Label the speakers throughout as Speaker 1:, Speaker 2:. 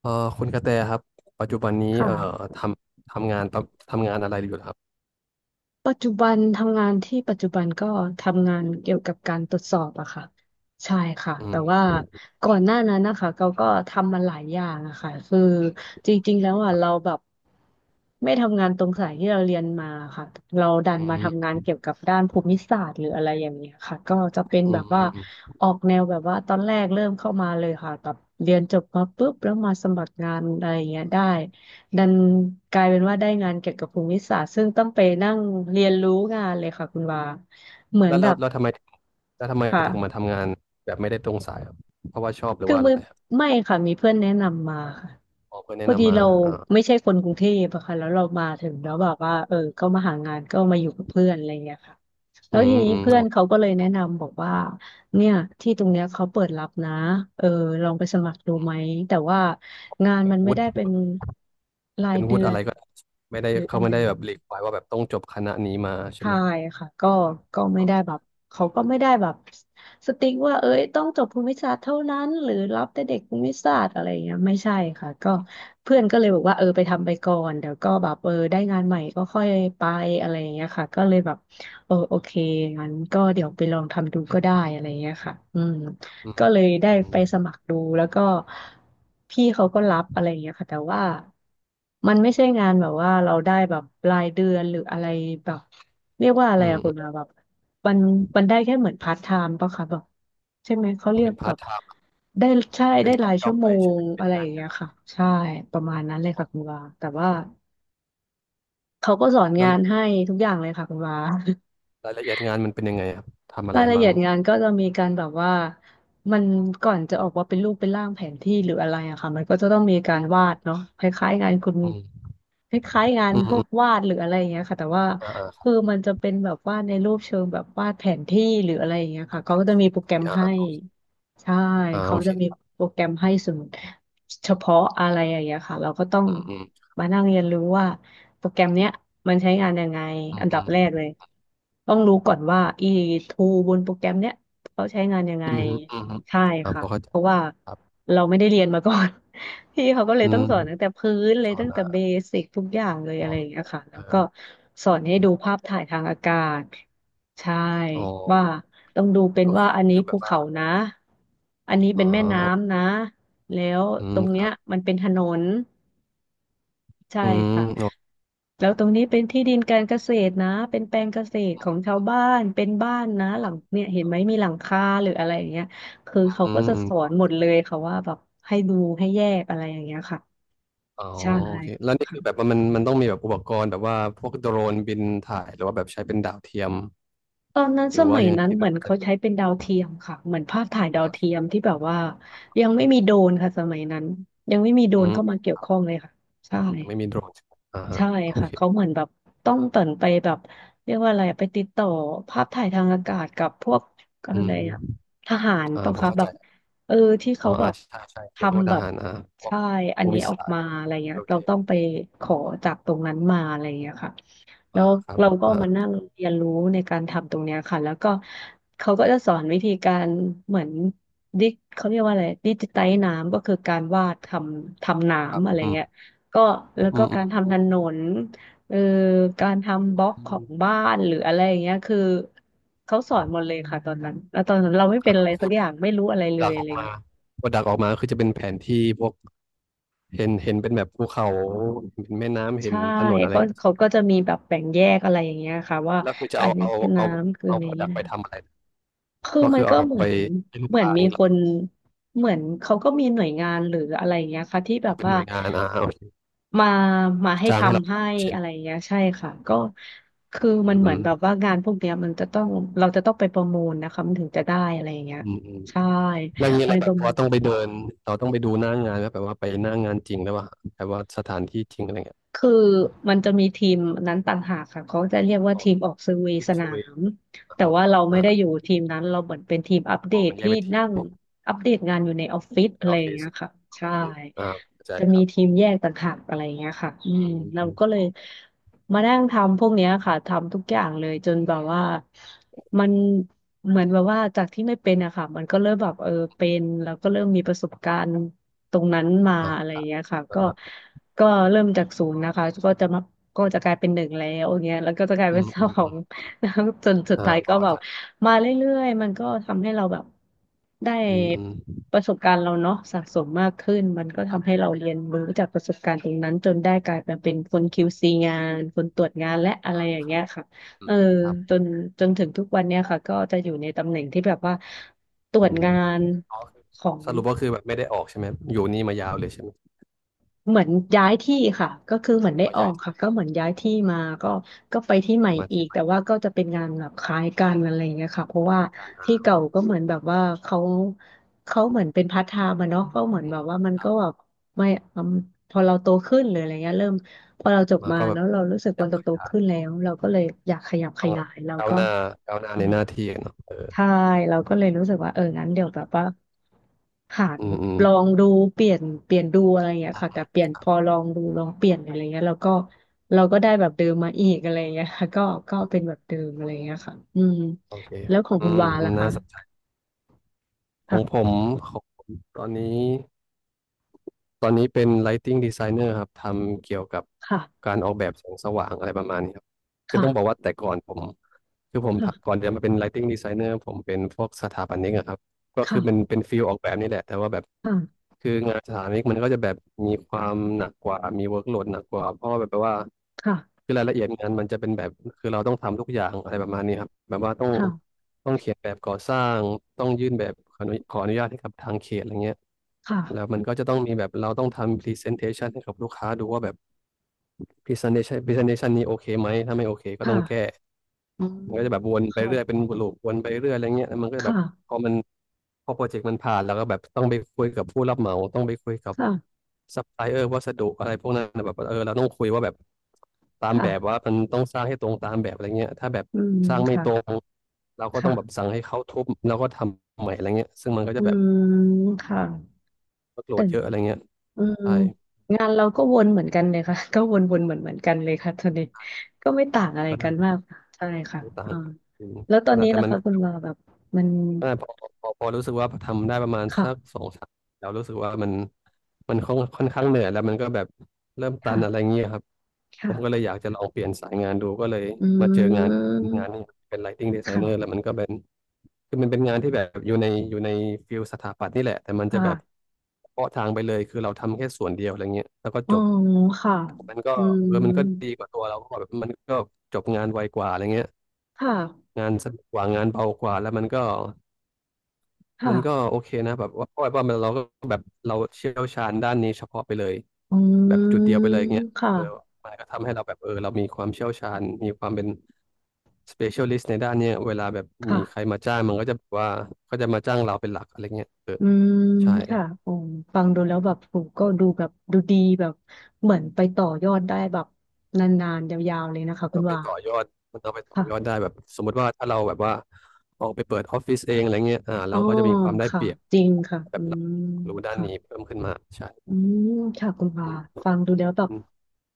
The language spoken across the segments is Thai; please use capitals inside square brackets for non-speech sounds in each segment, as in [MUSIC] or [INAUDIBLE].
Speaker 1: เอ่อคุณกระแตครับปัจจุบันนี้
Speaker 2: ค่ะ
Speaker 1: ทำทำงานประทำงานอะไรอยู่เหรอครับ
Speaker 2: ปัจจุบันทำงานที่ปัจจุบันก็ทำงานเกี่ยวกับการตรวจสอบอะค่ะใช่ค่ะ
Speaker 1: อื
Speaker 2: แต่
Speaker 1: ม
Speaker 2: ว่าก่อนหน้านั้นนะคะเขาก็ทำมาหลายอย่างอะค่ะคือจริงๆแล้ว
Speaker 1: ค
Speaker 2: อะ
Speaker 1: รั
Speaker 2: เรา
Speaker 1: บ
Speaker 2: แบบไม่ทำงานตรงสายที่เราเรียนมาค่ะเราดัน
Speaker 1: อื
Speaker 2: มา
Speaker 1: ม
Speaker 2: ทำงานเกี่ยวกับด้านภูมิศาสตร์หรืออะไรอย่างเงี้ยค่ะก็จะเป็น
Speaker 1: อื
Speaker 2: แบ
Speaker 1: ม
Speaker 2: บว่า
Speaker 1: อืมอืม
Speaker 2: ออกแนวแบบว่าตอนแรกเริ่มเข้ามาเลยค่ะแบบเรียนจบมาปุ๊บแล้วมาสมัครงานอะไรอย่างเงี้ยได้ ดันกลายเป็นว่าได้งานเกี่ยวกับภูมิศาสตร์ซึ่งต้องไปนั่งเรียนรู้งานเลยค่ะคุณวาเหมือน
Speaker 1: แล้ว
Speaker 2: แบ
Speaker 1: แล้ว
Speaker 2: บ
Speaker 1: แล้วทำไมแล้วทำไม
Speaker 2: ค
Speaker 1: ถึงมา
Speaker 2: ่ะ
Speaker 1: ทำงานแบบไม่ได้ตรงสายครับเพราะว่าชอบหรือ
Speaker 2: คือ
Speaker 1: ว่าอะ
Speaker 2: มื
Speaker 1: ไร
Speaker 2: อ
Speaker 1: ครับ
Speaker 2: ไม่ค่ะมีเพื่อนแนะนำมาค่ะ
Speaker 1: อ๋อเพื่อน
Speaker 2: พ
Speaker 1: แนะ
Speaker 2: อดี
Speaker 1: นำมา
Speaker 2: เรา
Speaker 1: อ่า
Speaker 2: ไม่ใช่คนกรุงเทพอะค่ะแล้วเรามาถึงแล้วแบบว่าเออก็มาหางานก็มาอยู่กับเพื่อนอะไรอย่างเงี้ยค่ะแล้
Speaker 1: อื
Speaker 2: วที
Speaker 1: ม
Speaker 2: นี้
Speaker 1: อืม
Speaker 2: เพื่อ
Speaker 1: โอ
Speaker 2: น
Speaker 1: เค
Speaker 2: เขาก็เลยแนะนำบอกว่าเนี่ยที่ตรงเนี้ยเขาเปิดรับนะเออลองไปสมัครดูไหมแต่ว่างาน
Speaker 1: แบ
Speaker 2: มั
Speaker 1: บ
Speaker 2: นไม่
Speaker 1: วุ
Speaker 2: ได้
Speaker 1: ฒิวุ
Speaker 2: เป็น
Speaker 1: ฒิ
Speaker 2: ราย
Speaker 1: เป็นวุ
Speaker 2: เดื
Speaker 1: ฒิ
Speaker 2: อ
Speaker 1: อะไร
Speaker 2: น
Speaker 1: ก็ได้ไม่ได้
Speaker 2: หรืออะ
Speaker 1: เขาไม่
Speaker 2: ไร
Speaker 1: ได้แบบรีควายว่าแบบต้องจบคณะนี้มาใช่
Speaker 2: ใช่
Speaker 1: ไหม
Speaker 2: ค่ะก็ไม่
Speaker 1: อ๋อ
Speaker 2: ได้แบบเขาก็ไม่ได้แบบสติ๊กว่าเอ้ยต้องจบภูมิศาสตร์เท่านั้นหรือรับแต่เด็กภูมิศา
Speaker 1: อื
Speaker 2: สตร์อะ
Speaker 1: ม
Speaker 2: ไรอย่างเงี้ยไม่ใช่ค่ะก็เพื่อนก็เลยบอกว่าเออไปทำไปก่อนเดี๋ยวก็แบบเออได้งานใหม่ก็ค่อยไปอะไรอย่างเงี้ยค่ะก็เลยแบบเออโอเคงั้นก็เดี๋ยวไปลองทำดูก็ได้อะไรอย่างเงี้ยค่ะอืม
Speaker 1: อืม
Speaker 2: ก็เลยได้
Speaker 1: อื
Speaker 2: ไป
Speaker 1: ม
Speaker 2: สมัครดูแล้วก็พี่เขาก็รับอะไรอย่างเงี้ยค่ะแต่ว่ามันไม่ใช่งานแบบว่าเราได้แบบรายเดือนหรืออะไรแบบเรียกว่าอะไร
Speaker 1: อืม
Speaker 2: อะ
Speaker 1: อื
Speaker 2: คุณ
Speaker 1: ม
Speaker 2: อาแบบมันมันได้แค่เหมือนพาร์ทไทม์ป่ะคะแบบใช่ไหมเขา
Speaker 1: อ๋อ
Speaker 2: เรีย
Speaker 1: เป็
Speaker 2: ก
Speaker 1: นพา
Speaker 2: แบ
Speaker 1: ร์ท
Speaker 2: บ
Speaker 1: ไทม์
Speaker 2: ได้ใช่
Speaker 1: เป็
Speaker 2: ได้
Speaker 1: นจ็
Speaker 2: รา
Speaker 1: อบ
Speaker 2: ย
Speaker 1: จ็
Speaker 2: ชั่
Speaker 1: อบ
Speaker 2: วโม
Speaker 1: ไปใช่ไหม
Speaker 2: ง
Speaker 1: เป็
Speaker 2: อะ
Speaker 1: น
Speaker 2: ไรอ
Speaker 1: งา
Speaker 2: ย่า
Speaker 1: น
Speaker 2: งเงี้
Speaker 1: งา
Speaker 2: ย
Speaker 1: น
Speaker 2: ค่ะใช่ประมาณนั้นเลย
Speaker 1: อ๋
Speaker 2: ค่ะคุณ
Speaker 1: อ
Speaker 2: วาแต่ว่าเขาก็สอน
Speaker 1: แล้ว
Speaker 2: งานให้ทุกอย่างเลยค่ะคุณวา
Speaker 1: รายละเอียดงานมันเป็นยังไงครับทำอะไร
Speaker 2: รายละเอี
Speaker 1: บ้าง
Speaker 2: ยดงานก็จะมีการแบบว่ามันก่อนจะออกว่าเป็นรูปเป็นร่างแผนที่หรืออะไรอะค่ะมันก็จะต้องมีการวาดเนาะคล้ายๆงานคุณ
Speaker 1: อืม
Speaker 2: คล้ายๆงาน
Speaker 1: อื
Speaker 2: พวก
Speaker 1: ม
Speaker 2: วาดหรืออะไรอย่างเงี้ยค่ะแต่ว่า
Speaker 1: อ่า
Speaker 2: คือมันจะเป็นแบบวาในรูปเชิงแบบวาดแผนที่หรืออะไรอย่างเงี้ยค่ะเขาก็จะมีโปรแกรม
Speaker 1: อ่า
Speaker 2: ให้
Speaker 1: อ่า
Speaker 2: ใช่
Speaker 1: อ่าโอ
Speaker 2: เขา
Speaker 1: เค
Speaker 2: จะมีโปรแกรมให้สมมติเฉพาะอะไรอย่างเงี้ยค่ะเราก็ต้อง
Speaker 1: อืม
Speaker 2: มานั่งเรียนรู้ว่าโปรแกรมเนี้ยมันใช้งานยังไง
Speaker 1: อืม
Speaker 2: อัน
Speaker 1: อื
Speaker 2: ดับ
Speaker 1: ม
Speaker 2: แรกเลยต้องรู้ก่อนว่าอีทูบนโปรแกรมเนี้ยเขาใช้งานยังไง
Speaker 1: อืมอืมอืม
Speaker 2: ใช่
Speaker 1: ครับผม
Speaker 2: ค่ะ
Speaker 1: เข้าใจครับ
Speaker 2: เราไม่ได้เรียนมาก่อน [LAUGHS] พี่เขาก็เลย
Speaker 1: อื
Speaker 2: ต้อง
Speaker 1: ม
Speaker 2: สอนตั้งแต่พื้นเล
Speaker 1: ส
Speaker 2: ย
Speaker 1: อ
Speaker 2: ตั้
Speaker 1: น
Speaker 2: งแต่
Speaker 1: อ่า
Speaker 2: เบสิกทุกอย่างเลยอะ
Speaker 1: อ๋อ
Speaker 2: ไรอย่างเงี้ยค่ะ
Speaker 1: เอ
Speaker 2: แล้วก็
Speaker 1: อ
Speaker 2: สอนให้ดูภาพถ่ายทางอากาศใช่
Speaker 1: อ๋อ
Speaker 2: ว่าต้องดูเป็น
Speaker 1: ก็
Speaker 2: ว่าอันนี้
Speaker 1: คือแบ
Speaker 2: ภู
Speaker 1: บว่า
Speaker 2: เขานะ อันนี้
Speaker 1: อ๋
Speaker 2: เป็นแม่
Speaker 1: อ
Speaker 2: น้ำนะ แล้ว
Speaker 1: อื
Speaker 2: ต
Speaker 1: ม
Speaker 2: รง
Speaker 1: ค
Speaker 2: เนี้
Speaker 1: รั
Speaker 2: ย
Speaker 1: บ
Speaker 2: มันเป็นถนนใช่
Speaker 1: อืม
Speaker 2: ค่ะ
Speaker 1: โอ
Speaker 2: แล้วตรงนี้เป็นที่ดินการเกษตรนะเป็นแปลงเกษตรของชาวบ้านเป็นบ้านนะหลังเนี่ยเห็นไหมมีหลังคาหรืออะไรอย่างเงี้ยคือ
Speaker 1: อ
Speaker 2: เขา
Speaker 1: ื
Speaker 2: ก็
Speaker 1: ม
Speaker 2: จะ
Speaker 1: อืม
Speaker 2: สอนหมดเลยค่ะว่าแบบให้ดูให้แยกอะไรอย่างเงี้ยค่ะ
Speaker 1: อ๋อ
Speaker 2: ใช่
Speaker 1: โอเคแล้วนี่
Speaker 2: ค่ะ
Speaker 1: คือแบบว่ามันต้องมีแบบอุปกรณ์แบบว่าพวกโดรนบินถ่ายหรือว่าแบบใช้เป็นดาวเทียม
Speaker 2: ตอนนั้น
Speaker 1: ห
Speaker 2: ส
Speaker 1: รือว่า
Speaker 2: มัย
Speaker 1: ยังไง
Speaker 2: นั้น
Speaker 1: ที่
Speaker 2: เห
Speaker 1: แบ
Speaker 2: มือ
Speaker 1: บ
Speaker 2: น
Speaker 1: ใช้
Speaker 2: เขาใช้
Speaker 1: เ
Speaker 2: เป็นดาวเทียมค่ะเหมือนภาพถ่าย
Speaker 1: ป็น
Speaker 2: ดาว
Speaker 1: ดาวเที
Speaker 2: เที
Speaker 1: ย
Speaker 2: ยม
Speaker 1: ม
Speaker 2: ที่แบบว่ายังไม่มีโดรนค่ะสมัยนั้นยังไม่มีโดร
Speaker 1: อื
Speaker 2: นเข้ามา
Speaker 1: ม
Speaker 2: เกี่ยวข้องเลยค่ะใช่
Speaker 1: ยังไม่มีโดรนใช่ไหมอ่าฮะ
Speaker 2: ใช่
Speaker 1: โอ
Speaker 2: ค่ะ
Speaker 1: เค
Speaker 2: เขาเหมือนแบบต้องเติ่นไปแบบเรียกว่าอะไรอะไปติดต่อภาพถ่ายทางอากาศกับพวกอะ
Speaker 1: อื
Speaker 2: ไร
Speaker 1: ม
Speaker 2: อะทหาร
Speaker 1: อ่า
Speaker 2: ปะ
Speaker 1: พอ
Speaker 2: คะ
Speaker 1: เข้า
Speaker 2: แบ
Speaker 1: ใจ
Speaker 2: บเออที่
Speaker 1: อ๋อ
Speaker 2: เขาแบ
Speaker 1: อ่า
Speaker 2: บ
Speaker 1: ใช่ใช่เกี่ยวกับ
Speaker 2: ทำ
Speaker 1: ท
Speaker 2: แบบ
Speaker 1: หารอ่าพวก
Speaker 2: ใช่อัน
Speaker 1: ภู
Speaker 2: นี้
Speaker 1: มิ
Speaker 2: ออ
Speaker 1: ศา
Speaker 2: ก
Speaker 1: สต
Speaker 2: มา
Speaker 1: ร์
Speaker 2: อะไร
Speaker 1: โอ
Speaker 2: เงี้ย
Speaker 1: า
Speaker 2: เราต้อง
Speaker 1: เท
Speaker 2: ไปขอจากตรงนั้นมาอะไรเงี้ยค่ะ แล้
Speaker 1: อ่า
Speaker 2: ว
Speaker 1: ครับ
Speaker 2: เราก็
Speaker 1: อ่า
Speaker 2: มานั่งเรียนรู้ในการทำตรงเนี้ยค่ะแล้วก็เขาก็จะสอนวิธีการเหมือนดิเขาเรียกว่าอะไรดิจิไตน้ำก็คือการวาดทำ
Speaker 1: ครับ
Speaker 2: น้ำอะไร
Speaker 1: อืม
Speaker 2: เงี้ยก็แล้ว
Speaker 1: อื
Speaker 2: ก็
Speaker 1: มอื
Speaker 2: กา
Speaker 1: ม
Speaker 2: รทำถนนเออการทำบล็อก
Speaker 1: อื
Speaker 2: ของ
Speaker 1: ม
Speaker 2: บ้านหรืออะไรอย่างเงี้ยคือเขาสอนหมดเลยค่ะตอนนั้นแล้วตอนนั้นเราไม่เป็
Speaker 1: อ่า
Speaker 2: นอะไร
Speaker 1: คื
Speaker 2: สั
Speaker 1: อ
Speaker 2: กอย่างไม่รู้อะไรเล
Speaker 1: ดั
Speaker 2: ย
Speaker 1: กอ
Speaker 2: อะ
Speaker 1: อ
Speaker 2: ไร
Speaker 1: กมา
Speaker 2: เงี้ย
Speaker 1: พอดักออกมาคือจะเป็นแผนที่พวกเห็นเป็นแบบภูเขาเห็นแม่น้ำเห็น
Speaker 2: ใช่
Speaker 1: ถนนอะไร
Speaker 2: ก็
Speaker 1: อย่างงี้
Speaker 2: เขาก็จะมีแบบแบ่งแยกอะไรอย่างเงี้ยค่ะว่า
Speaker 1: แล้วคือจะ
Speaker 2: อั
Speaker 1: เอา
Speaker 2: นนี้
Speaker 1: เอา
Speaker 2: คือ
Speaker 1: เอา
Speaker 2: น้ำคืออั
Speaker 1: เอา
Speaker 2: น
Speaker 1: พอ
Speaker 2: นี้
Speaker 1: ดักไป
Speaker 2: นะ
Speaker 1: ทำอะไร
Speaker 2: คือ
Speaker 1: ก็
Speaker 2: มั
Speaker 1: คื
Speaker 2: น
Speaker 1: อ
Speaker 2: ก็
Speaker 1: เอา
Speaker 2: เหมื
Speaker 1: ไป
Speaker 2: อน
Speaker 1: ให้ลูก
Speaker 2: เหมือน
Speaker 1: ค้าอย่า
Speaker 2: มี
Speaker 1: งนี้เหร
Speaker 2: ค
Speaker 1: อ
Speaker 2: นเหมือนเขาก็มีหน่วยงานหรืออะไรอย่างเงี้ยค่ะที่แบ
Speaker 1: เอา
Speaker 2: บ
Speaker 1: เป็นห
Speaker 2: ว่า
Speaker 1: น่วยงานอ่าโอเค
Speaker 2: มามาให้
Speaker 1: จ้างให้เรา
Speaker 2: ทำให้
Speaker 1: ใช่ไห
Speaker 2: อะ
Speaker 1: ม
Speaker 2: ไรอย่างเงี้ยใช่ค่ะก็คือ
Speaker 1: อื
Speaker 2: มันเหมือนแบบ
Speaker 1: ม
Speaker 2: ว่างานพวกเนี้ยมันจะต้องเราจะต้องไปประมูลนะคะมันถึงจะได้อะไรอย่างเงี้ย
Speaker 1: อืมอืมอ
Speaker 2: ใช่
Speaker 1: ืมแล้วอย่างนี้
Speaker 2: ไป
Speaker 1: เราแบ
Speaker 2: ป
Speaker 1: บ
Speaker 2: ระมูล
Speaker 1: ว่าต้องไปเดินเราต้องไปดูหน้างานไหมแบบว่าไปหน้างานจริงหรือเปล่าแบบว่าสถานที่จริงอะไรเงี้ย
Speaker 2: คือมันจะมีทีมนั้นต่างหากค่ะเขาจะเรียกว่า
Speaker 1: อ๋อ
Speaker 2: ทีมออกเซอร์เวย์ส
Speaker 1: Keep
Speaker 2: นา
Speaker 1: away
Speaker 2: ม
Speaker 1: อ่า
Speaker 2: แต่
Speaker 1: โอเค
Speaker 2: ว่าเรา
Speaker 1: อ่า
Speaker 2: ไม่ได้อยู่ทีมนั้นเราเหมือนเป็นทีมอัปเด
Speaker 1: อ๋อ
Speaker 2: ต
Speaker 1: มันแยก
Speaker 2: ที่
Speaker 1: ไปนที่
Speaker 2: นั่งอัปเดตงานอยู่ในออฟฟิศ
Speaker 1: ใน
Speaker 2: อะ
Speaker 1: อ
Speaker 2: ไร
Speaker 1: อฟ
Speaker 2: อย่าง
Speaker 1: ฟิศ
Speaker 2: เงี้ยค่ะ
Speaker 1: โอ
Speaker 2: ใช่
Speaker 1: เคอ่าเข้าใจครับ
Speaker 2: งี้ยค่ะอืม
Speaker 1: อืม
Speaker 2: เรา
Speaker 1: อืม
Speaker 2: ก็เลยมานั่งทำพวกเนี้ยค่ะทำทุกอย่างเลยจนแบบว่ามันเหมือนแบบว่าจากที่ไม่เป็นอะค่ะมันก็เริ่มแบบเออเป็นแล้วก็เริ่มมีประสบการณ์ตรงนั้นมา
Speaker 1: อ่า
Speaker 2: อะไร
Speaker 1: ค
Speaker 2: อ
Speaker 1: รั
Speaker 2: ย่าง
Speaker 1: บ
Speaker 2: เงี้ยค่ะ
Speaker 1: เออ
Speaker 2: ก็
Speaker 1: เออ
Speaker 2: ก็เริ่มจากศูนย์นะคะก็จะมาก็จะกลายเป็นหนึ่งแล้วอย่างเงี้ยแล้วก็จะกลาย
Speaker 1: อื
Speaker 2: เป็น
Speaker 1: ม
Speaker 2: [LAUGHS] ส
Speaker 1: อืม
Speaker 2: อ
Speaker 1: อืม
Speaker 2: ง [LAUGHS] แล้วจนสุด
Speaker 1: อ่า
Speaker 2: ท้าย
Speaker 1: พ
Speaker 2: ก็
Speaker 1: อเข้า
Speaker 2: แบ
Speaker 1: ใจ
Speaker 2: บมาเรื่อยๆมันก็ทำให้เราแบบได้
Speaker 1: อืมอืม
Speaker 2: ประสบการณ์เราเนาะสะสมมากขึ้นมันก็ทำให้เราเรียนรู้จากประสบการณ์ตรงนั้นจนได้กลายมาเป็นคน QC งานคนตรวจงานและอะไร
Speaker 1: อ่า
Speaker 2: อย่างเงี้ยค่ะ
Speaker 1: อื
Speaker 2: เอ
Speaker 1: ม
Speaker 2: อ
Speaker 1: ครับ
Speaker 2: จนจนถึงทุกวันเนี้ยค่ะก็จะอยู่ในตำแหน่งที่แบบว่าตรว
Speaker 1: อื
Speaker 2: จ
Speaker 1: ม
Speaker 2: งาน
Speaker 1: อ๋อคือ
Speaker 2: ของ
Speaker 1: สรุปก็คือแบบไม่ได้ออกใช่ไหม อยู่นี่มายาวเลยใช่ไหม
Speaker 2: เหมือนย้ายที่ค่ะก็คือเหมือนได้
Speaker 1: พอ
Speaker 2: ออ
Speaker 1: ย้าย
Speaker 2: ก
Speaker 1: ที่
Speaker 2: ค่ะก็เหมือนย้ายที่มาก็ก็ไปที่ให
Speaker 1: ผ
Speaker 2: ม่
Speaker 1: มมา
Speaker 2: อีก
Speaker 1: ที่ใหม่
Speaker 2: แต่ว่าก็จะเป็นงานแบบคล้ายกันอะไรอย่างเงี้ยค่ะเพราะว่า
Speaker 1: รายการ
Speaker 2: ที่
Speaker 1: อ่า
Speaker 2: เก่าก็เหมือนแบบว่าเขาเหมือนเป็นพาร์ทไทม์อะเนาะก็เหมือน
Speaker 1: อื
Speaker 2: แบ
Speaker 1: ม
Speaker 2: บว่ามันก็แบบไม่อืมพอเราโตขึ้นหรืออะไรเงี้ยเริ่มพอเราจบ
Speaker 1: มา
Speaker 2: มา
Speaker 1: ก็แบ
Speaker 2: แล้
Speaker 1: บ
Speaker 2: วเรารู้สึก
Speaker 1: อยั
Speaker 2: ว่า
Speaker 1: บ
Speaker 2: เรา
Speaker 1: ข
Speaker 2: โต
Speaker 1: ยาย
Speaker 2: ขึ้นแล้วเราก็เลยอยากขยับข
Speaker 1: ต้องแบ
Speaker 2: ยา
Speaker 1: บ
Speaker 2: ยเรา
Speaker 1: ก้าว
Speaker 2: ก็
Speaker 1: หน้าก้าวหน้าในหน้าที่อะเนาะเออ
Speaker 2: ใช่เราก็เลยรู้สึกว่าเอองั้นเดี๋ยวแบบว่าหา
Speaker 1: อืมอืม
Speaker 2: ลองดูเปลี่ยนดูอะไรอย่างเงี้ยค่ะแต่เปลี่ยน
Speaker 1: ค
Speaker 2: พ
Speaker 1: รั
Speaker 2: อ
Speaker 1: บ
Speaker 2: ลองดูลองเปลี่ยนอะไรเงี้ยแล้วก็เราก็ได้แบบเดิมมาอีกอะไรเงี้ยค่ะก็ก็
Speaker 1: อื
Speaker 2: เป็น
Speaker 1: ม
Speaker 2: แบบเดิมอะไรเงี้ยค่ะอืม
Speaker 1: โอเค
Speaker 2: แล้วของ
Speaker 1: อื
Speaker 2: คุณ
Speaker 1: ม
Speaker 2: วา
Speaker 1: อืม
Speaker 2: ล่ะ
Speaker 1: น่า
Speaker 2: คะ
Speaker 1: สนใจขอ
Speaker 2: ค่ะ
Speaker 1: งผมของผมตอนนี้ ตอนนี้เป็น Lighting Designer ครับทำเกี่ยวกับ
Speaker 2: ค่ะ
Speaker 1: การออกแบบแสงสว่างอะไรประมาณนี้ครับคือต้องบอก
Speaker 2: ค่ะ
Speaker 1: ว่าแต่ก่อนผมคือผม
Speaker 2: ค่ะ
Speaker 1: ทำก่อนจะมาเป็น Lighting Designer ผมเป็นพวกสถาปนิกอะครับก็คือเป็น
Speaker 2: ค่ะ
Speaker 1: เป็นฟิลออกแบบนี่แหละแต่ว่าแบบ
Speaker 2: ค
Speaker 1: คืองานสถาปนิกมันก็จะแบบมีความหนักกว่ามี workload หนักกว่าเพราะว่าแบบแปลว่า
Speaker 2: ่ะ
Speaker 1: คือรายละเอียดงานมันจะเป็นแบบคือเราต้องทำทุกอย่างอะไรประมาณนี้ครับแบบว่าต้อง
Speaker 2: ค่ะ
Speaker 1: ต้องเขียนแบบก่อสร้างต้องยื่นแบบขออนุญาตให้กับทางเขตอะไรเงี้ย
Speaker 2: ค่ะ
Speaker 1: แล้วมันก็จะต้องมีแบบเราต้องทำ presentation ให้กับลูกค้าดูว่าแบบ presentation นี้โอเคไหมถ้าไม่โอเคก็
Speaker 2: ค่ะ
Speaker 1: ต้องแก้
Speaker 2: ค่ะอืม
Speaker 1: มันก็จะแบบวนไปเรื่อยเป็น
Speaker 2: ค่ะ
Speaker 1: ลูปวนไปเรื่อยอะไรเงี้ยแล้วมันก็
Speaker 2: ค
Speaker 1: จะแบบพ
Speaker 2: ่ะ
Speaker 1: อมันพอโปรเจกต์มันผ่านแล้วก็แบบต้องไปคุยกับผู้รับเหมาต้องไปคุยกับ
Speaker 2: ค่ะ
Speaker 1: ซัพพลายเออร์วัสดุอะไรพวกนั้นนะแบบเออเราต้องคุยว่าแบบตาม
Speaker 2: ค่ะ
Speaker 1: แบบว่ามันต้องสร้างให้ตรงตามแบบอะไรเงี้ยถ้าแบบ
Speaker 2: อืม
Speaker 1: สร้างไม่
Speaker 2: ค่ะ
Speaker 1: ตรงเราก็ต้องแบบ
Speaker 2: ค่ะ
Speaker 1: สั่งให้เขาทุบแล้วก็ทำใหม่อะไรเงี้ยซึ่งมันก็
Speaker 2: อื
Speaker 1: จะแบบ
Speaker 2: มค่ะ
Speaker 1: โกร
Speaker 2: แต่
Speaker 1: ธเยอะอะไรเงี้ย
Speaker 2: อืม
Speaker 1: ใช่
Speaker 2: งานเราก็วนเหมือนกันเลยค่ะ [LAUGHS] ก็วนๆเหมือนกันเลยค่ะตอนนี้ก็ไม่ต่างอะไร
Speaker 1: ก็นั่
Speaker 2: กั
Speaker 1: น
Speaker 2: น
Speaker 1: แหละ
Speaker 2: มากค่ะใช่ค่ะ
Speaker 1: ไม่ต่าง
Speaker 2: อ่า
Speaker 1: อืม
Speaker 2: แล้วตอ
Speaker 1: นั่
Speaker 2: น
Speaker 1: นแห
Speaker 2: นี้
Speaker 1: ละแต่
Speaker 2: ล่ะ
Speaker 1: มัน
Speaker 2: คะคุณวาแบบมัน
Speaker 1: ก็พอรู้สึกว่าทำได้ประมาณสัก
Speaker 2: ค่ะ
Speaker 1: สองสามแล้วรู้สึกว่ามัน มันค่อนข้างเหนื่อยแล้วมันก็แบบเริ่มตันอะไร
Speaker 2: ค่ะ
Speaker 1: เงี้ยครับผมก็เลย
Speaker 2: ค่ะ
Speaker 1: อยากจะลองเปลี่ยนสายงานดูก็เลย
Speaker 2: อื
Speaker 1: มาเจองาน
Speaker 2: ม
Speaker 1: เป็นงานนี้เป็น Lighting Designer แล้ว
Speaker 2: ค่ะ
Speaker 1: มันก็เป็นคือมันเป็นงานที่แบบอยู่ในฟิลสถาปัตย์นี่แหละแต่มันจะ
Speaker 2: ค่ะ
Speaker 1: แบบเฉพาะทางไปเลยคือเราทำแค่ส่วนเดียวอะไรเงี้ยแล้วก็
Speaker 2: อ๋อ
Speaker 1: จบ
Speaker 2: ค่ะ
Speaker 1: มันก็
Speaker 2: อืม
Speaker 1: เออมันก็ดีกว่าตัวเราเพราะแบบมันก็จบงานไวกว่าอะไรเงี้ย
Speaker 2: ค่ะ
Speaker 1: งานสนุกกว่างานเบากว่าแล้วมันก็ มันก็
Speaker 2: ค่ะ
Speaker 1: โอเคนะแบบว่าเพราะว่ามันเราก็แบบเราเชี่ยวชาญด้านนี้เฉพาะไปเลย
Speaker 2: อื
Speaker 1: แบบจุดเดียว
Speaker 2: ม
Speaker 1: ไปเลยเงี้ย
Speaker 2: ค
Speaker 1: เออ
Speaker 2: ่ะ
Speaker 1: มันก็ทำให้เราแบบเออเรามีความเชี่ยวชาญมีความเป็น specialist ในด้านเนี้ยเวลาแบบมีใคร
Speaker 2: ค่ะ
Speaker 1: มาจ้างมันก็จะแบบว่าก็จะมาจ้างเราเป็นหลักอะไรเงี้ยเออ
Speaker 2: อืม
Speaker 1: ใช่
Speaker 2: ค่ะโอ้ฟังดูแล้วแบบโอ้ก็ดูแบบดูดีแบบเหมือนไปต่อยอดได้แบบนานๆยาวๆเลยนะคะคุ
Speaker 1: เอา
Speaker 2: ณ
Speaker 1: ไป
Speaker 2: ว่า
Speaker 1: ต่อยอดมันเอาไปต่อยอด
Speaker 2: ค่ะ
Speaker 1: ได้แบบสมมติว่าถ้าเราแบบว่าออกไปเปิดออฟฟิศเองอะไรเงี้ย
Speaker 2: อ๋อ
Speaker 1: เราก็จะมีความได้
Speaker 2: ค่ะ
Speaker 1: เปรียบ
Speaker 2: จริงค่ะ
Speaker 1: แบ
Speaker 2: อื
Speaker 1: บเรา
Speaker 2: ม
Speaker 1: รู้ด้าน
Speaker 2: ค่ะ
Speaker 1: นี้เพิ่มขึ้นมาใช่
Speaker 2: อืมค่ะคุณวา
Speaker 1: อืม
Speaker 2: ฟังดูแล้วแบบ
Speaker 1: อืม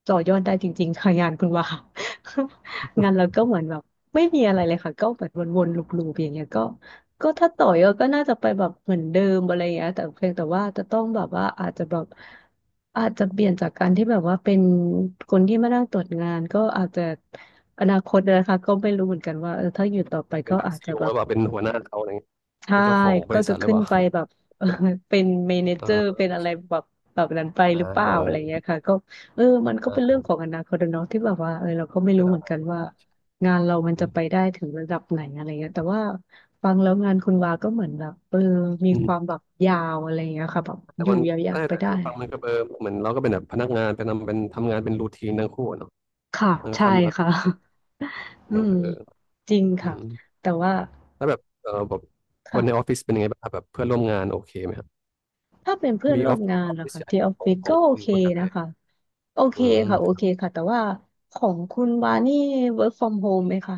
Speaker 2: ต่อยอดได้จริงๆค่ะงานคุณวา [LAUGHS] งานเราก็เหมือนแบบไม่มีอะไรเลยค่ะก็แบบวนๆลูปๆอย่างเงี้ยก็ก็ถ้าต่อยอดก็น่าจะไปแบบเหมือนเดิมอะไรอย่างเงี้ยแต่เพียงแต่ว่าจะต้องแบบว่าอาจจะเปลี่ยนจากการที่แบบว่าเป็นคนที่มานั่งตรวจงานก็อาจจะอนาคตนะคะก็ไม่รู้เหมือนกันว่าเออถ้าอยู่ต่อไป
Speaker 1: เป็
Speaker 2: ก็
Speaker 1: นแบบ
Speaker 2: อาจ
Speaker 1: ซี
Speaker 2: จะ
Speaker 1: อีโอ
Speaker 2: แบ
Speaker 1: ห
Speaker 2: บ
Speaker 1: รือเปล่าเป็นหัวหน้าเขาอะไรเงี้ย
Speaker 2: ใช่
Speaker 1: เป็นเจ้าของบ
Speaker 2: ก็
Speaker 1: ริ
Speaker 2: จะ
Speaker 1: ษัทหรือ
Speaker 2: ขึ้
Speaker 1: เป
Speaker 2: น
Speaker 1: ล่า
Speaker 2: ไปแบบ [LAUGHS] เออเป็นเมเน
Speaker 1: เอ
Speaker 2: เจ
Speaker 1: อ
Speaker 2: อร์เป็น
Speaker 1: โอ
Speaker 2: อะไร
Speaker 1: เค
Speaker 2: แบบแบบนั้นไปหรือเป
Speaker 1: เอ
Speaker 2: ล่า
Speaker 1: อ
Speaker 2: อะไรเงี้ยค่ะก็เออมันก็เป็นเรื่องของอนาคตอะเนาะที่แบบว่าเออเราก็ไม่
Speaker 1: ใช่า
Speaker 2: รู้
Speaker 1: ได้
Speaker 2: เหมือนกั
Speaker 1: ได้
Speaker 2: นว่างานเรามัน
Speaker 1: อื
Speaker 2: จะไป
Speaker 1: ม
Speaker 2: ได้ถึงระดับไหนอะไรเงี้ยแต่ว่าฟังแล้วงานคุณวาก็เหมือนแบบเออมี
Speaker 1: อื
Speaker 2: ค
Speaker 1: ม
Speaker 2: วามแบบยาวอะไรเงี้ยค่ะแบบ
Speaker 1: แต่
Speaker 2: อยู่
Speaker 1: มัน
Speaker 2: ยา
Speaker 1: ได่
Speaker 2: วๆไป
Speaker 1: แต่
Speaker 2: ได้
Speaker 1: ได้ฟังมันก็เออเหมือนเราก็เป็นแบบพนักงานเป็นทำงานเป็นรูทีนทั้งคู่อะเนาะ
Speaker 2: ค่ะ
Speaker 1: เอ
Speaker 2: ใช่
Speaker 1: ทำงาน
Speaker 2: ค่ะ
Speaker 1: อ
Speaker 2: [LAUGHS]
Speaker 1: ย่าง
Speaker 2: อื
Speaker 1: เงี้ย
Speaker 2: ม
Speaker 1: นะเออ
Speaker 2: จริง
Speaker 1: อื
Speaker 2: ค่ะ
Speaker 1: ม
Speaker 2: แต่ว่า
Speaker 1: แล้วแบบเออแบบคนในออ
Speaker 2: ค่ะ
Speaker 1: ฟฟิศเป็นยังไงบ้างครับแบบเพื่อนร่วมงานโอเคไหมครับ
Speaker 2: ถ้าเป็นเพื่อน
Speaker 1: มี
Speaker 2: ร่
Speaker 1: อ
Speaker 2: ว
Speaker 1: อ
Speaker 2: มงาน
Speaker 1: ฟ
Speaker 2: นะ
Speaker 1: ฟิศ
Speaker 2: คะ
Speaker 1: ใหญ่
Speaker 2: ที่ออฟ
Speaker 1: ขอ
Speaker 2: ฟิ
Speaker 1: ง
Speaker 2: ศ
Speaker 1: ขอ
Speaker 2: ก็
Speaker 1: ง
Speaker 2: โอ
Speaker 1: คุณ
Speaker 2: เค
Speaker 1: คุณกระแต
Speaker 2: นะคะ โอเค
Speaker 1: อื
Speaker 2: ค่ะโอเค
Speaker 1: ม
Speaker 2: ค่ะแต่ว่าของคุณวานี่ work from home ไหมคะ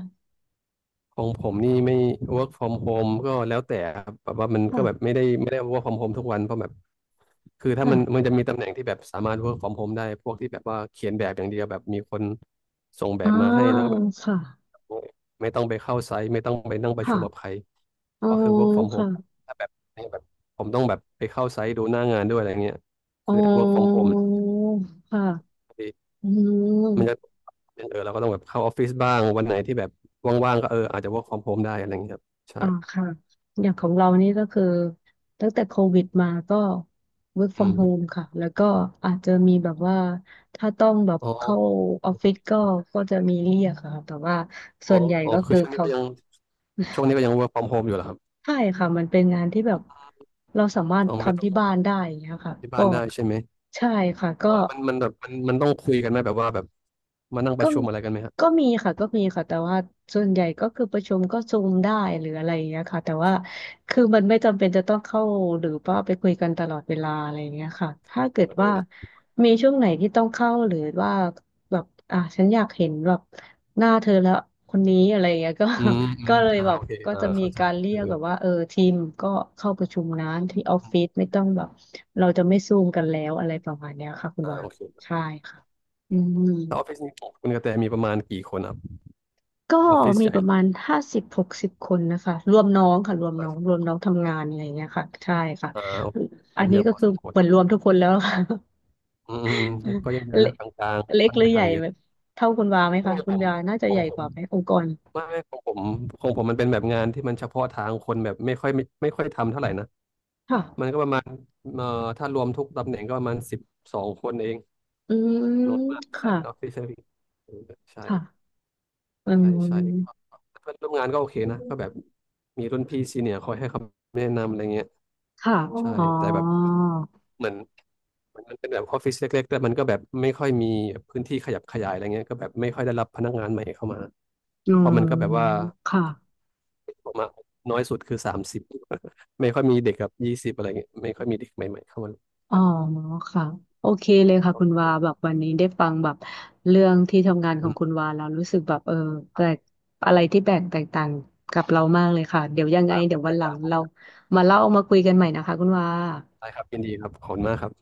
Speaker 1: ของผมนี่ไม่ work from home ก็แล้วแต่ครับแบบว่ามันก็แบบ
Speaker 2: ค่ะ
Speaker 1: ไม่ได้ work from home ทุกวันเพราะแบบคือถ้า
Speaker 2: ค่ะ
Speaker 1: มันจะมีตำแหน่งที่แบบสามารถ work from home ได้พวกที่แบบว่าเขียนแบบอย่างเดียวแบบมีคนส่งแบ
Speaker 2: อ่า
Speaker 1: บมาให้แล้วก็แบบ
Speaker 2: ค่ะ
Speaker 1: ไม่ต้องไปเข้าไซต์ไม่ต้องไปนั่งประชุมกับใค
Speaker 2: ค่ะ
Speaker 1: ร
Speaker 2: อ๋อ
Speaker 1: ก็คือ work from home
Speaker 2: ค่ะ
Speaker 1: ถ้าแบบในแบบผมต้องแบบไปเข้าไซต์ดูหน้างานด้วยอะไรเงี้ย
Speaker 2: อ๋
Speaker 1: คือถ้า work from
Speaker 2: อ
Speaker 1: home มันจะ
Speaker 2: ค่ะอืม
Speaker 1: เป็นเออเราก็ต้องแบบเข้าออฟฟิศบ้างวันไหนที่แบบว่างๆก็เอออาจจะ work from home ได้อะไรเงี้ยครับใช่
Speaker 2: อ่าค่ะอย่างของเรานี่ก็คือตั้งแต่โควิดมาก็ work
Speaker 1: อื
Speaker 2: from home
Speaker 1: ม
Speaker 2: ค่ะแล้วก็อาจจะมีแบบว่าถ้าต้องแบบ
Speaker 1: อ๋อ
Speaker 2: เข้าออฟฟิศก็ก็จะมีเรียกค่ะแต่ว่า
Speaker 1: อ๋
Speaker 2: ส่
Speaker 1: อ
Speaker 2: วนใหญ่
Speaker 1: อ๋อ
Speaker 2: ก็
Speaker 1: คือ
Speaker 2: คือ
Speaker 1: ช่วงนี้
Speaker 2: เขา
Speaker 1: ก็ยังช่วงนี้ก็ยัง work from home อยู่เหรอครับ
Speaker 2: ใช่ค่ะมันเป็นงานที่แบบเราสามารถ
Speaker 1: อ๋อไม่
Speaker 2: ทำ
Speaker 1: ต้อง
Speaker 2: ที่
Speaker 1: ก
Speaker 2: บ้านได้อย่างเงี้ย
Speaker 1: ลั
Speaker 2: ค่ะ
Speaker 1: บที่
Speaker 2: ก็
Speaker 1: บ้านได้ใช่ไหม
Speaker 2: ใช่ค่ะก็
Speaker 1: อ๋อแล้วมันมันแบบมันมันต้องคุยกันไหมแบบว่าแบบมานั่งป
Speaker 2: ก็
Speaker 1: ระชุมอะไรกันไหมฮะ
Speaker 2: ก็มีค่ะ ก็มีค่ะ แต่ว่าส่วนใหญ่ก็คือประชุมก็ซูมได้หรืออะไรอย่างเงี้ยค่ะแต่ว่าคือมันไม่จำเป็นจะต้องเข้าหรือว่าไปคุยกันตลอดเวลาอะไรอย่างเงี้ยค่ะถ้าเกิด
Speaker 1: เออ
Speaker 2: ว่า
Speaker 1: ออ
Speaker 2: มีช่วงไหนที่ต้องเข้าหรือว่าแบบอ่ะฉันอยากเห็นแบบหน้าเธอแล้วคนนี้อะไรอย่างเงี้ยก็
Speaker 1: ืม
Speaker 2: [LAUGHS]
Speaker 1: อื
Speaker 2: ก็
Speaker 1: ม
Speaker 2: เลยแบบ
Speaker 1: โอเค
Speaker 2: ก็จะมี
Speaker 1: เข้าใจ
Speaker 2: การเรี
Speaker 1: อ
Speaker 2: ย
Speaker 1: อ
Speaker 2: กแบบว่าเออทีมก็เข้าประชุมนะที่ออฟ
Speaker 1: เออ
Speaker 2: ฟิศไม่ต้องแบบเราจะไม่ซูมกันแล้วอะไรประมาณเนี้ยค่ะคุณว่า
Speaker 1: โอเค
Speaker 2: ใช่ค่ะอืม
Speaker 1: แล้วออฟฟิศนี้ของคุณกระแตมีประมาณกี่คนครับ
Speaker 2: ก็
Speaker 1: ออฟฟิศ
Speaker 2: มี
Speaker 1: ใหญ่
Speaker 2: ป
Speaker 1: ห
Speaker 2: ระ
Speaker 1: รือ
Speaker 2: มาณ50-60คนนะคะรวมน้องค่ะรวม
Speaker 1: เป
Speaker 2: น้
Speaker 1: ล่า
Speaker 2: องรวมน้องทำงานอะไรอย่างเงี้ยค่ะใช่ค่ะ
Speaker 1: โอเค
Speaker 2: อั
Speaker 1: ก็
Speaker 2: น
Speaker 1: เย
Speaker 2: นี้
Speaker 1: อะ
Speaker 2: ก็
Speaker 1: พอ
Speaker 2: คื
Speaker 1: ส
Speaker 2: อ
Speaker 1: มคว
Speaker 2: เหมือน
Speaker 1: ร
Speaker 2: รวมทุกคนแล้วค่ะ
Speaker 1: อืมก็ยังเย
Speaker 2: [LAUGHS]
Speaker 1: อะ
Speaker 2: เล็
Speaker 1: นะ
Speaker 2: ก
Speaker 1: กลาง
Speaker 2: เล็
Speaker 1: ๆ
Speaker 2: ก
Speaker 1: ค่อน
Speaker 2: หรื
Speaker 1: ไป
Speaker 2: อให
Speaker 1: ทา
Speaker 2: ญ่
Speaker 1: งเยอะ
Speaker 2: แบบเท่าคุณวาไหม
Speaker 1: ข
Speaker 2: คะ
Speaker 1: อง
Speaker 2: คุ
Speaker 1: ผ
Speaker 2: ณ
Speaker 1: ม
Speaker 2: วาน่าจะ
Speaker 1: ข
Speaker 2: ให
Speaker 1: อง
Speaker 2: ญ่
Speaker 1: ผ
Speaker 2: ก
Speaker 1: ม
Speaker 2: ว่าไหมองค์กร
Speaker 1: ไม่ของผมมันเป็นแบบงานที่มันเฉพาะทางคนแบบไม่ค่อยทำเท่าไหร่นะ
Speaker 2: ค่ะ
Speaker 1: มันก็ประมาณเอ่อถ้ารวมทุกตำแหน่งก็ประมาณ12คนเอง
Speaker 2: อืม
Speaker 1: น้อยมากใช่
Speaker 2: ค่ะ
Speaker 1: เป็นออฟฟิศเซอร์วิสใช่
Speaker 2: ค่ะอื
Speaker 1: ใช่
Speaker 2: ม
Speaker 1: ก็เพื่อนร่วมงานก็โอเคนะก็แบบมีรุ่นพี่ซีเนียร์คอยให้คำแนะนำอะไรเงี้ย
Speaker 2: ค่ะอ๋
Speaker 1: ใช่
Speaker 2: อ
Speaker 1: แต่แบบเหมือนมันเป็นแบบออฟฟิศเล็กๆแต่มันก็แบบไม่ค่อยมีพื้นที่ขยับขยายอะไรเงี้ยก็แบบไม่ค่อยได้รับพนักงานใหม่เข้ามา
Speaker 2: อื
Speaker 1: เพ
Speaker 2: ม
Speaker 1: ราะมันก็แบบว่า
Speaker 2: ค่ะ
Speaker 1: ออกมาน้อยสุดคือ30 [LAUGHS] ไม่ค่อยมีเด็กกับ20อะไรเงี้ยไม่ค่อยมีเด็กใหม่ๆเข้ามา
Speaker 2: อ๋อ
Speaker 1: ใช่
Speaker 2: ค่ะโอเคเลยค่ะคุณวาแบบวันนี้ได้ฟังแบบเรื่องที่ทำงานข
Speaker 1: อื
Speaker 2: องคุณวาแล้วรู้สึกแบบเออแปลกอะไรที่แปลกแตกต่างกับเรามากเลยค่ะเดี๋ยวยังไงเดี๋ยววันหลังเรามาเล่ามาคุยกันใหม่นะคะคุณวา
Speaker 1: ได้ครับยินดีครับขอบคุณมากครับ